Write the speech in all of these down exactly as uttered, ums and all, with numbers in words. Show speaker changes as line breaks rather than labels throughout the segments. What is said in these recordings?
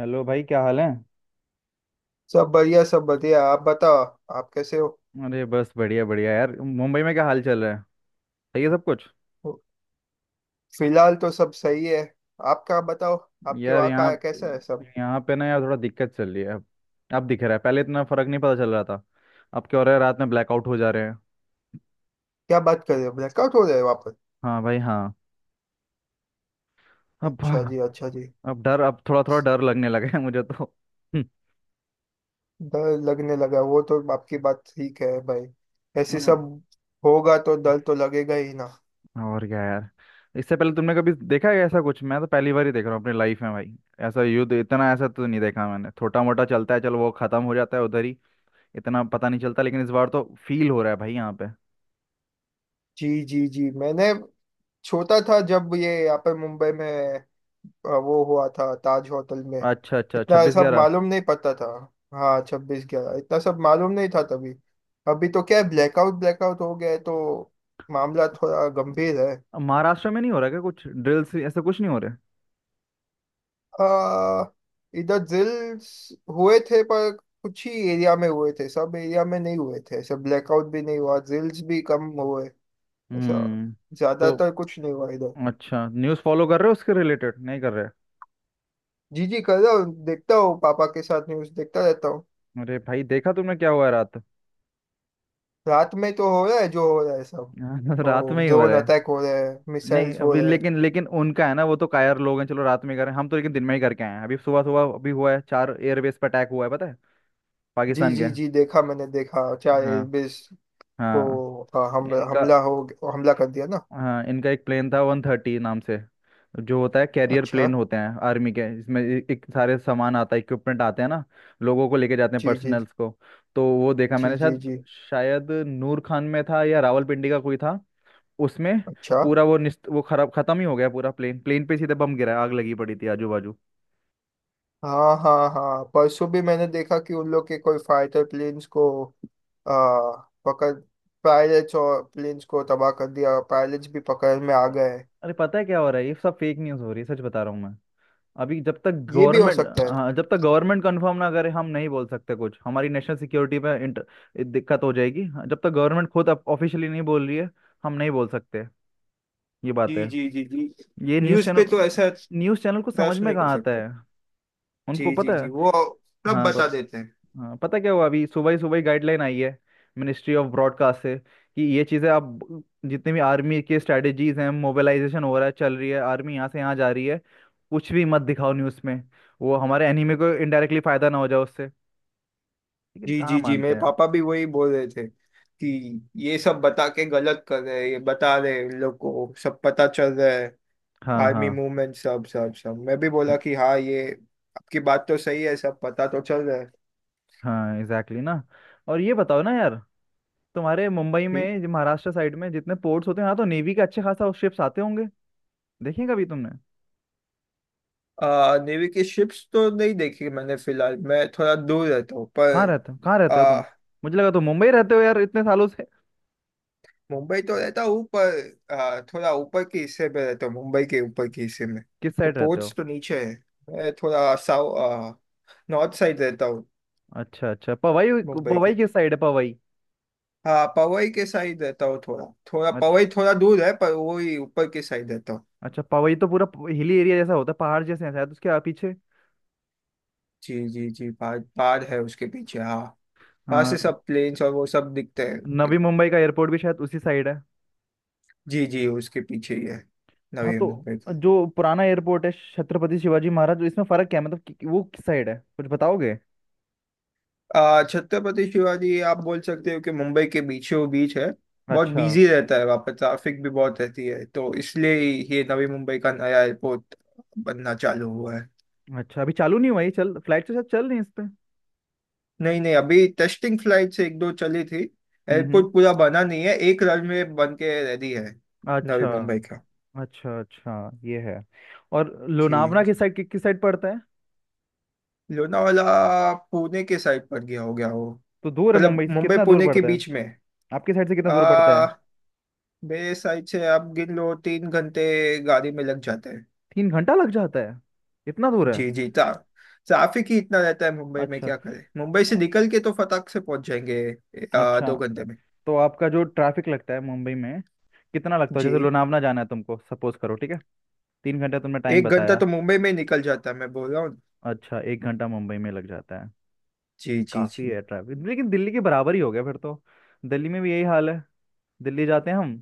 Hello भाई, क्या हाल है।
सब बढ़िया, सब बढ़िया, आप बताओ। आप कैसे हो?
अरे बस बढ़िया बढ़िया यार, मुंबई में क्या हाल चल रहा है। सही है सब कुछ।
फिलहाल तो सब सही है। आपका बताओ। आपके
यार,
वहाँ
यहाँ
का कैसा है सब?
यहाँ पे ना यार थोड़ा दिक्कत चल रही है अब। अब दिख रहा है, पहले इतना फर्क नहीं पता चल रहा था। अब क्या हो रहा है, रात में ब्लैकआउट हो जा रहे हैं।
क्या बात कर रहे हो, ब्लैकआउट हो रहे हो वापस?
हाँ भाई हाँ। अब
अच्छा जी, अच्छा जी।
अब डर अब थोड़ा थोड़ा डर लगने लगा है मुझे तो।
डर लगने लगा, वो तो आपकी बात ठीक है भाई। ऐसे
हम्म।
सब होगा तो डर तो लगेगा ही ना।
और क्या यार। इससे पहले तुमने कभी देखा है ऐसा कुछ? मैं तो पहली बार ही देख रहा हूँ अपनी लाइफ में भाई। ऐसा युद्ध इतना ऐसा तो नहीं देखा मैंने। छोटा मोटा चलता है चलो, वो खत्म हो जाता है उधर ही। इतना पता नहीं चलता, लेकिन इस बार तो फील हो रहा है भाई, यहाँ पे।
जी जी जी, मैंने छोटा था जब ये यहाँ पर मुंबई में अ, वो हुआ था ताज होटल में।
अच्छा अच्छा अच्छा,
इतना
छब्बीस
सब
ग्यारह
मालूम नहीं पता था। हाँ, छब्बीस ग्यारह इतना सब मालूम नहीं था तभी। अभी तो क्या है, ब्लैकआउट, ब्लैकआउट हो गया है तो मामला थोड़ा गंभीर है।
महाराष्ट्र में नहीं हो रहा क्या, कुछ ड्रिल्स ऐसा कुछ नहीं हो रहा है?
आ, इधर drills हुए थे पर कुछ ही एरिया में हुए थे, सब एरिया में नहीं हुए थे, सब। ब्लैकआउट भी नहीं हुआ, drills भी कम हुए। ऐसा
हम्म। तो
ज्यादातर कुछ नहीं हुआ इधर।
अच्छा, न्यूज़ फॉलो कर रहे हो उसके रिलेटेड? नहीं कर रहे?
जी जी, कर रहा हूँ, देखता हूँ, पापा के साथ न्यूज़ देखता रहता हूँ।
अरे भाई देखा तुमने, क्या हुआ है रात।
रात में तो हो रहा है जो हो रहा है सब।
हाँ, रात
ओ,
में ही हो
ड्रोन
रहा है।
अटैक हो रहे हैं,
नहीं
मिसाइल्स हो
अभी
रहे हैं।
लेकिन लेकिन उनका है ना, वो तो कायर लोग हैं। चलो रात में करें हम तो, लेकिन दिन में ही करके आए हैं अभी। सुबह सुबह अभी हुआ है, चार एयरबेस पर अटैक हुआ है, पता है।
जी
पाकिस्तान के।
जी जी, देखा मैंने, देखा चार
हाँ।
एयरबेस को
हाँ।
आ, हम
इनका।
हमला हो हमला कर दिया ना।
हाँ इनका एक प्लेन था, वन थर्टी नाम से। जो होता है, कैरियर
अच्छा।
प्लेन होते हैं आर्मी के। इसमें ए- एक सारे सामान आता है, इक्विपमेंट आते हैं ना। लोगों को लेके जाते हैं,
जी जी जी
पर्सनल्स को। तो वो देखा
जी
मैंने
जी
शायद।
जी।
शायद नूर खान में था, या रावलपिंडी का कोई था। उसमें।
अच्छा।
पूरा वो निस्त, वो खराब, खत्म ही हो गया पूरा प्लेन। प्लेन पे सीधे बम गिरा, आग लगी पड़ी थी आजू बाजू।
हाँ हाँ हाँ, परसों भी मैंने देखा कि उन लोग के कोई फाइटर प्लेन्स को आ, पकड़ पायलट्स और प्लेन्स को तबाह कर दिया, पायलट्स भी पकड़ में आ गए।
अरे पता है क्या हो रहा है, ये सब फेक न्यूज़ हो रही है, सच बता रहा हूँ मैं। अभी जब तक
ये भी हो
गवर्नमेंट
सकता है।
हाँ, जब तक गवर्नमेंट कंफर्म ना करे, हम नहीं बोल सकते कुछ। हमारी नेशनल सिक्योरिटी में इंटर दिक्कत हो जाएगी। हाँ, जब तक गवर्नमेंट खुद ऑफिशियली नहीं बोल रही है, हम नहीं बोल सकते। ये बात है।
जी जी जी जी।
ये न्यूज़
न्यूज़ पे तो
चैनल
ऐसा
न्यूज़ चैनल को समझ
ट्रस्ट
में
नहीं कर
कहाँ आता
सकते।
है।
जी
उनको
जी
पता है।
जी, वो सब
हाँ
बता
बत,
देते हैं।
हाँ पता क्या हुआ, अभी सुबह ही सुबह ही गाइडलाइन आई है। मिनिस्ट्री ऑफ ब्रॉडकास्ट से कि ये चीज़ें आप ब- जितने भी आर्मी के स्ट्रेटजीज हैं, मोबिलाइजेशन हो रहा है, चल रही है आर्मी, यहाँ से यहाँ जा रही है। कुछ भी मत दिखाओ न्यूज़ में। वो हमारे एनिमी को इनडायरेक्टली फायदा ना हो जाए उससे। लेकिन
जी
कहाँ
जी जी,
मानते
मेरे
हैं।
पापा भी वही बोल रहे थे कि ये सब बता के गलत कर रहे हैं, ये बता रहे हैं, लोग को सब पता चल रहा है।
हाँ हाँ।
आर्मी मूवमेंट सब सब सब, मैं भी बोला कि हाँ, ये आपकी बात तो सही है, सब पता तो चल रहा है।
हाँ एग्जैक्टली ना। और ये बताओ ना यार। तुम्हारे मुंबई
ठीक।
में, जो महाराष्ट्र साइड में जितने पोर्ट्स होते हैं, यहाँ तो नेवी के अच्छे खासा शिप्स आते होंगे। देखें कभी तुमने?
आ, नेवी की शिप्स तो नहीं देखी मैंने, फिलहाल मैं थोड़ा दूर रहता हूँ
कहाँ
पर
रहते हो, कहाँ रहते हो तुम?
आ,
मुझे लगा तुम मुंबई रहते हो यार, इतने सालों से।
मुंबई तो रहता हूँ पर आ, थोड़ा ऊपर के हिस्से पे रहता हूँ, मुंबई के ऊपर के हिस्से में।
किस
तो
साइड रहते
पोर्ट्स
हो?
तो नीचे है, मैं थोड़ा साउ नॉर्थ साइड रहता हूँ।
अच्छा अच्छा, पवई।
मुंबई
पवई
के,
किस साइड है, पवई?
हाँ, पवई के साइड रहता हूँ थोड़ा, थोड़ा।
अच्छा।
पवई थोड़ा दूर है पर वो ही ऊपर के साइड रहता हूँ।
अच्छा पवई तो पूरा हिली एरिया जैसा होता है, पहाड़ जैसे है शायद उसके आ- पीछे।
जी जी जी, पहाड़, पहाड़ है उसके पीछे, हाँ। वहाँ से
हाँ।
सब प्लेन्स और वो सब दिखते हैं।
नवी मुंबई का एयरपोर्ट भी शायद उसी साइड है।
जी जी, उसके पीछे ही है,
हाँ
नवी
तो
मुंबई का।
जो पुराना एयरपोर्ट है, छत्रपति शिवाजी महाराज, इसमें फर्क क्या है मतलब कि, कि वो किस साइड है, कुछ बताओगे?
आ, छत्रपति शिवाजी, आप बोल सकते हो कि मुंबई के बीचों बीच है। बहुत
अच्छा।
बिजी रहता है वहाँ पर, ट्रैफिक भी बहुत रहती है, तो इसलिए ये नवी मुंबई का नया एयरपोर्ट बनना चालू हुआ है।
अच्छा अभी चालू नहीं हुआ ये? चल फ्लाइट तो शायद चल रही है इस पे।
नहीं नहीं, अभी टेस्टिंग फ्लाइट एक दो चली थी,
हम्म हम्म।
एयरपोर्ट पूरा बना नहीं है, एक रनवे बन के रेडी है, नवी
अच्छा।
मुंबई का।
अच्छा अच्छा ये है। और
जी
लोनावला
जी।
किस साइड कि, किस साइड पड़ता है?
लोनावाला पुणे के साइड पर गया, हो गया वो।
तो दूर है,
मतलब
मुंबई से
मुंबई
कितना दूर
पुणे के
पड़ता है?
बीच में।
आपकी साइड से कितना दूर पड़ता है?
आ मेरे साइड से आप गिन लो, तीन घंटे गाड़ी में लग जाते हैं।
तीन घंटा लग जाता है? इतना दूर है?
जी जी, ट्रा ट्रैफिक ही इतना रहता है मुंबई में,
अच्छा
क्या करें, मुंबई से निकल के तो फटाक से पहुंच जाएंगे आ,
अच्छा।
दो घंटे में।
तो आपका जो ट्रैफिक लगता है मुंबई में, कितना लगता है जैसे
जी,
लोनावला जाना है तुमको, सपोज करो ठीक है। तीन घंटा तुमने टाइम
एक घंटा
बताया।
तो मुंबई में ही निकल जाता है, मैं बोल रहा हूँ।
अच्छा, एक घंटा मुंबई में लग जाता है?
जी जी
काफ़ी
जी।
है ट्रैफिक, लेकिन दिल्ली के बराबर ही हो गया फिर तो। दिल्ली में भी यही हाल है। दिल्ली जाते हैं हम।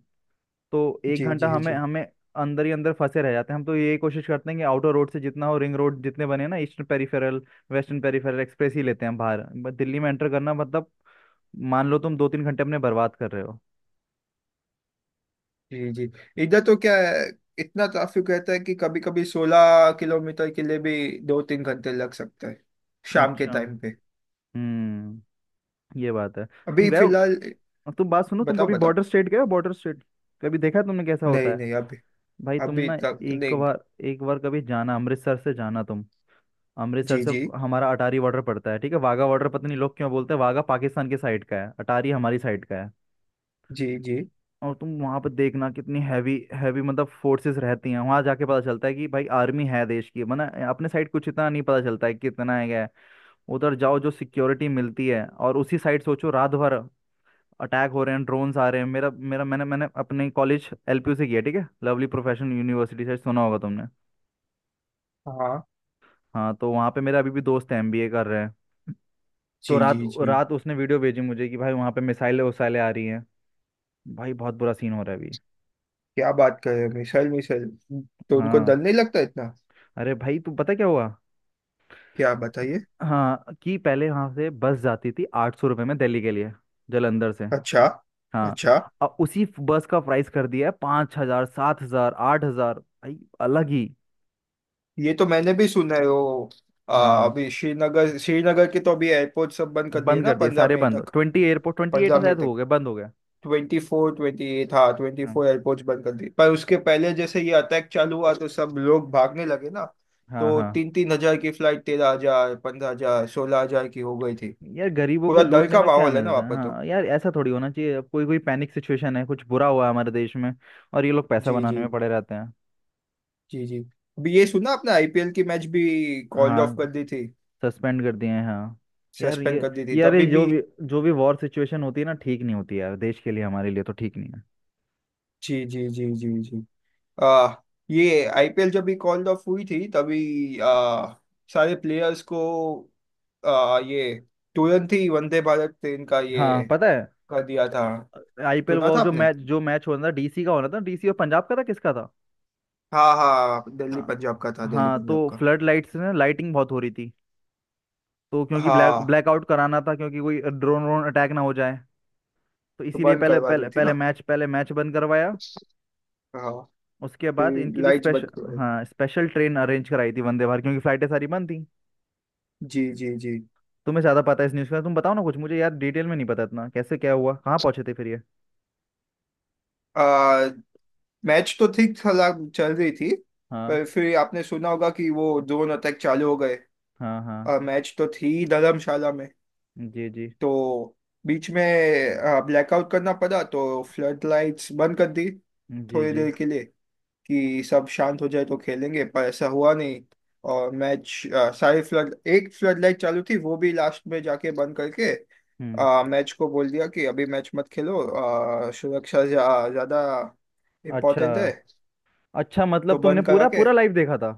तो एक
जी
घंटा
जी
हमें
जी
हमें अंदर ही अंदर फंसे रह जाते हैं। हम तो यही कोशिश करते हैं कि आउटर रोड से जितना हो, रिंग रोड जितने बने ना, eastern peripheral, western peripheral express ही लेते हैं हम बाहर। ब- दिल्ली में एंटर करना मतलब, मान लो तुम दो तीन घंटे अपने बर्बाद कर रहे हो।
जी जी। इधर तो क्या है, इतना ट्रैफिक रहता है कि कभी कभी सोलह किलोमीटर के लिए भी दो तीन घंटे लग सकता है, शाम के
अच्छा।
टाइम पे।
हम्म। ये बात है। तुम
अभी
गए
फिलहाल,
हो? तुम बात सुनो, तुम
बताओ
कभी
बताओ।
बॉर्डर स्टेट गए हो, बॉर्डर स्टेट? कभी देखा है तुमने कैसा होता
नहीं
है?
नहीं, अभी,
भाई तुम
अभी
ना,
तक
एक
नहीं।
बार एक बार कभी जाना, अमृतसर से जाना तुम। अमृतसर
जी
से
जी
हमारा अटारी बॉर्डर पड़ता है, ठीक है। वाघा बॉर्डर पता नहीं लोग क्यों बोलते हैं, वाघा पाकिस्तान के साइड का है, अटारी हमारी साइड का है।
जी जी,
और तुम वहां पर देखना कितनी हैवी हैवी मतलब फोर्सेस रहती हैं। वहां जाके पता चलता है कि भाई आर्मी है देश की, वरना अपने साइड कुछ इतना नहीं पता चलता है कितना है, क्या है। उधर जाओ जो सिक्योरिटी मिलती है, और उसी साइड सोचो रात भर अटैक हो रहे हैं, ड्रोन्स आ रहे हैं। मेरा मेरा मैंने मैंने अपने कॉलेज एल पी यू से किया, ठीक है, लवली प्रोफेशनल यूनिवर्सिटी, से सुना होगा तुमने।
हाँ।
हाँ तो वहाँ पे मेरा अभी भी दोस्त है, एम बी ए कर रहे हैं। तो
जी
रात
जी जी।
रात उसने वीडियो भेजी मुझे कि भाई वहाँ पे मिसाइलें वसाइलें आ रही हैं। भाई बहुत बुरा सीन हो रहा है अभी।
क्या बात कर रहे हैं, मिसाइल मिसाइल, तो उनको डर
हाँ।
नहीं लगता इतना?
अरे भाई तू पता क्या हुआ।
क्या बताइए?
हाँ कि पहले वहां से बस जाती थी आठ सौ रुपये में दिल्ली के लिए। जलंधर से।
अच्छा।
हाँ।
अच्छा,
अब उसी बस का प्राइस कर दिया है पाँच हजार, सात हजार, आठ हजार भाई, अलग ही।
ये तो मैंने भी सुना है, वो आ,
हाँ
अभी श्रीनगर, श्रीनगर के तो अभी एयरपोर्ट सब बंद कर दिए
बंद
ना
कर दिए
पंद्रह
सारे,
मई
बंद
तक।
Twenty airport, twenty eight
Punjab में
शायद
तक
हो गए, बंद हो गए।
ट्वेंटी फोर, ट्वेंटी एट, हाँ ट्वेंटी
हाँ
फोर एयरपोर्ट्स बंद कर दिए, पर उसके पहले जैसे ये अटैक चालू हुआ तो सब लोग भागने लगे ना।
हाँ
तो
हाँ।
तीन तीन हजार की फ्लाइट तेरह हजार, पंद्रह हजार, सोलह हजार की हो गई थी।
यार गरीबों को
पूरा डर
लूटने
का
में क्या
माहौल है ना
मिलता
वहाँ
है?
पर तो।
हाँ यार, ऐसा थोड़ी होना चाहिए। अब कोई कोई पैनिक सिचुएशन है, कुछ बुरा हुआ है हमारे देश में। और ये लोग पैसा
जी
बनाने
जी
में पड़े रहते हैं।
जी जी। अभी ये सुना आपने, आईपीएल की मैच भी कॉल्ड ऑफ
हाँ
कर दी थी।
सस्पेंड कर दिए हैं हाँ। यार
सस्पेंड
ये
कर दी थी तो
यार ये
अभी
जो
भी।
भी जो भी वॉर सिचुएशन होती है ना, ठीक नहीं होती यार देश के लिए, हमारे लिए तो ठीक नहीं है।
जी जी जी जी जी। आ, ये आईपीएल जब भी कॉल्ड ऑफ हुई थी, तभी आ, सारे प्लेयर्स को आ, ये तुरंत ही वंदे भारत ट्रेन का
हाँ
ये
पता है।
कर दिया था।
आई पी एल,
सुना था
वो जो
आपने?
मैच जो मैच होना था, डी सी का होना था, डी सी और पंजाब का था, किसका था?
हाँ हाँ, दिल्ली
हाँ
पंजाब का था, दिल्ली
हाँ
पंजाब
तो
का।
फ्लड लाइट्स में लाइटिंग बहुत हो रही थी। तो क्योंकि ब्लैक
हाँ,
ब्लैकआउट कराना था, क्योंकि कोई ड्रोन व्रोन अटैक ना हो जाए। तो
तो
इसीलिए
बंद
पहले
करवा दी
पहले
थी
पहले
ना।
मैच पहले मैच बंद करवाया।
हाँ,
उसके बाद
फिर
इनके लिए
लाइट्स
स्पेशल,
बंद करवाई।
हाँ स्पेशल ट्रेन अरेंज कराई थी वंदे भारत, क्योंकि फ्लाइटें सारी बंद थी।
जी जी जी।
तुम्हें ज्यादा पता है इस न्यूज़ का, तुम बताओ ना कुछ मुझे। यार डिटेल में नहीं पता इतना, कैसे क्या हुआ, कहाँ पहुंचे थे फिर ये।
आ, मैच तो ठीक चला, चल रही थी,
हाँ
पर फिर आपने सुना होगा कि वो ड्रोन अटैक चालू हो गए।
हाँ हाँ।
मैच तो थी धर्मशाला में,
जी जी
तो बीच में ब्लैकआउट करना पड़ा, तो फ्लड लाइट्स बंद कर दी
जी
थोड़ी
जी।
देर के लिए, कि सब शांत हो जाए तो खेलेंगे, पर ऐसा हुआ नहीं। और मैच, सारी फ्लड, एक फ्लड लाइट चालू थी, वो भी लास्ट में जाके बंद करके
हम्म।
मैच को बोल दिया कि अभी मैच मत खेलो, अ, सुरक्षा ज्या- ज्यादा
अच्छा
इम्पोर्टेंट है।
अच्छा, मतलब
तो
तुमने
बंद करा
पूरा
के,
पूरा लाइव देखा था?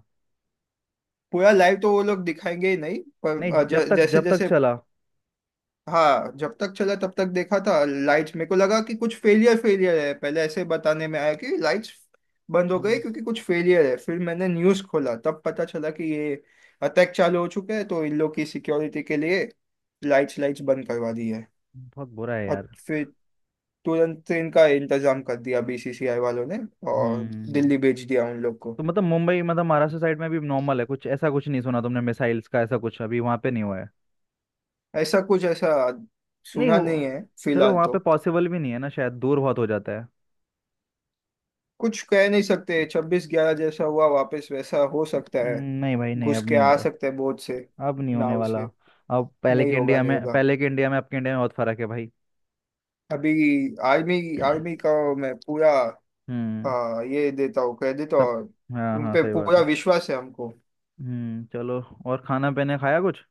पूरा लाइव तो वो लोग दिखाएंगे ही नहीं,
नहीं
पर अ,
जब
ज-
तक
जैसे
जब तक
जैसे,
चला।
हाँ जब तक चला तब तक देखा था। लाइट्स, मेरे को लगा कि कुछ फेलियर, फेलियर है, पहले ऐसे बताने में आया कि लाइट्स बंद हो गई
हम्म।
क्योंकि कुछ फेलियर है। फिर मैंने न्यूज़ खोला तब पता चला कि ये अटैक चालू हो चुका है, तो इन लोग की सिक्योरिटी के लिए लाइट्स, लाइट्स बंद करवा दी है।
बहुत बुरा है
और
यार।
फिर तुरंत ट्रेन का इंतजाम कर दिया बीसीसीआई वालों ने, और
हम्म।
दिल्ली भेज दिया उन लोग को।
तो मतलब, मुंबई मतलब महाराष्ट्र साइड में भी नॉर्मल है, कुछ ऐसा कुछ नहीं सुना तुमने मिसाइल्स का? ऐसा कुछ अभी वहां पे नहीं हुआ है?
ऐसा कुछ, ऐसा
नहीं
सुना
हो,
नहीं है
चलो
फिलहाल
वहां पे
तो।
पॉसिबल भी नहीं है ना शायद, दूर बहुत हो जाता है।
कुछ कह नहीं सकते, छब्बीस ग्यारह जैसा हुआ वापस वैसा हो सकता
हम्म।
है।
नहीं भाई नहीं,
घुस
अब
के
नहीं
आ
होगा।
सकते हैं बोझ से,
अब नहीं होने
नाव
वाला।
से।
अब पहले
नहीं
के
होगा,
इंडिया
नहीं
में
होगा।
पहले के इंडिया में, अब के इंडिया में बहुत फर्क है भाई।
अभी आर्मी, आर्मी का मैं पूरा
हम्म।
आ, ये देता हूँ क्रेडिट,
सब।
और
हाँ
उन
हाँ
पे
सही बात
पूरा
है।
विश्वास है हमको।
हम्म, चलो। और खाना पीने खाया कुछ?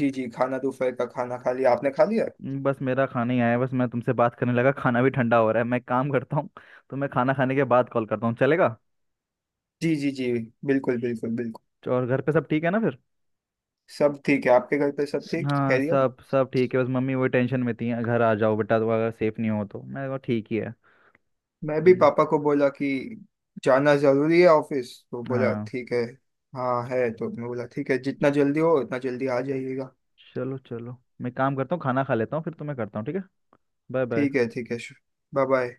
जी जी, खाना दोपहर का खाना खा लिया, आपने खा लिया?
हम्म, बस मेरा खाना ही आया बस, मैं तुमसे बात करने लगा, खाना भी ठंडा हो रहा है। मैं एक काम करता हूँ, तो मैं खाना खाने के बाद कॉल करता हूँ, चलेगा?
जी जी जी, बिल्कुल बिल्कुल बिल्कुल।
तो और घर पे सब ठीक है ना फिर?
सब ठीक है, आपके घर पे सब ठीक
हाँ
खैरियत?
सब सब ठीक है, बस मम्मी वही टेंशन में थी, घर आ जाओ बेटा, तो अगर सेफ नहीं हो तो, मैं कहा ठीक ही है।
मैं भी
हम्म।
पापा को बोला कि जाना जरूरी है ऑफिस, तो बोला
हाँ
ठीक है। हाँ है, तो मैं बोला ठीक है, जितना जल्दी हो उतना जल्दी आ जाइएगा।
चलो चलो। मैं काम करता हूँ, खाना खा लेता हूँ, फिर तुम्हें करता हूँ ठीक है। बाय
ठीक है,
बाय।
ठीक है। Bye bye.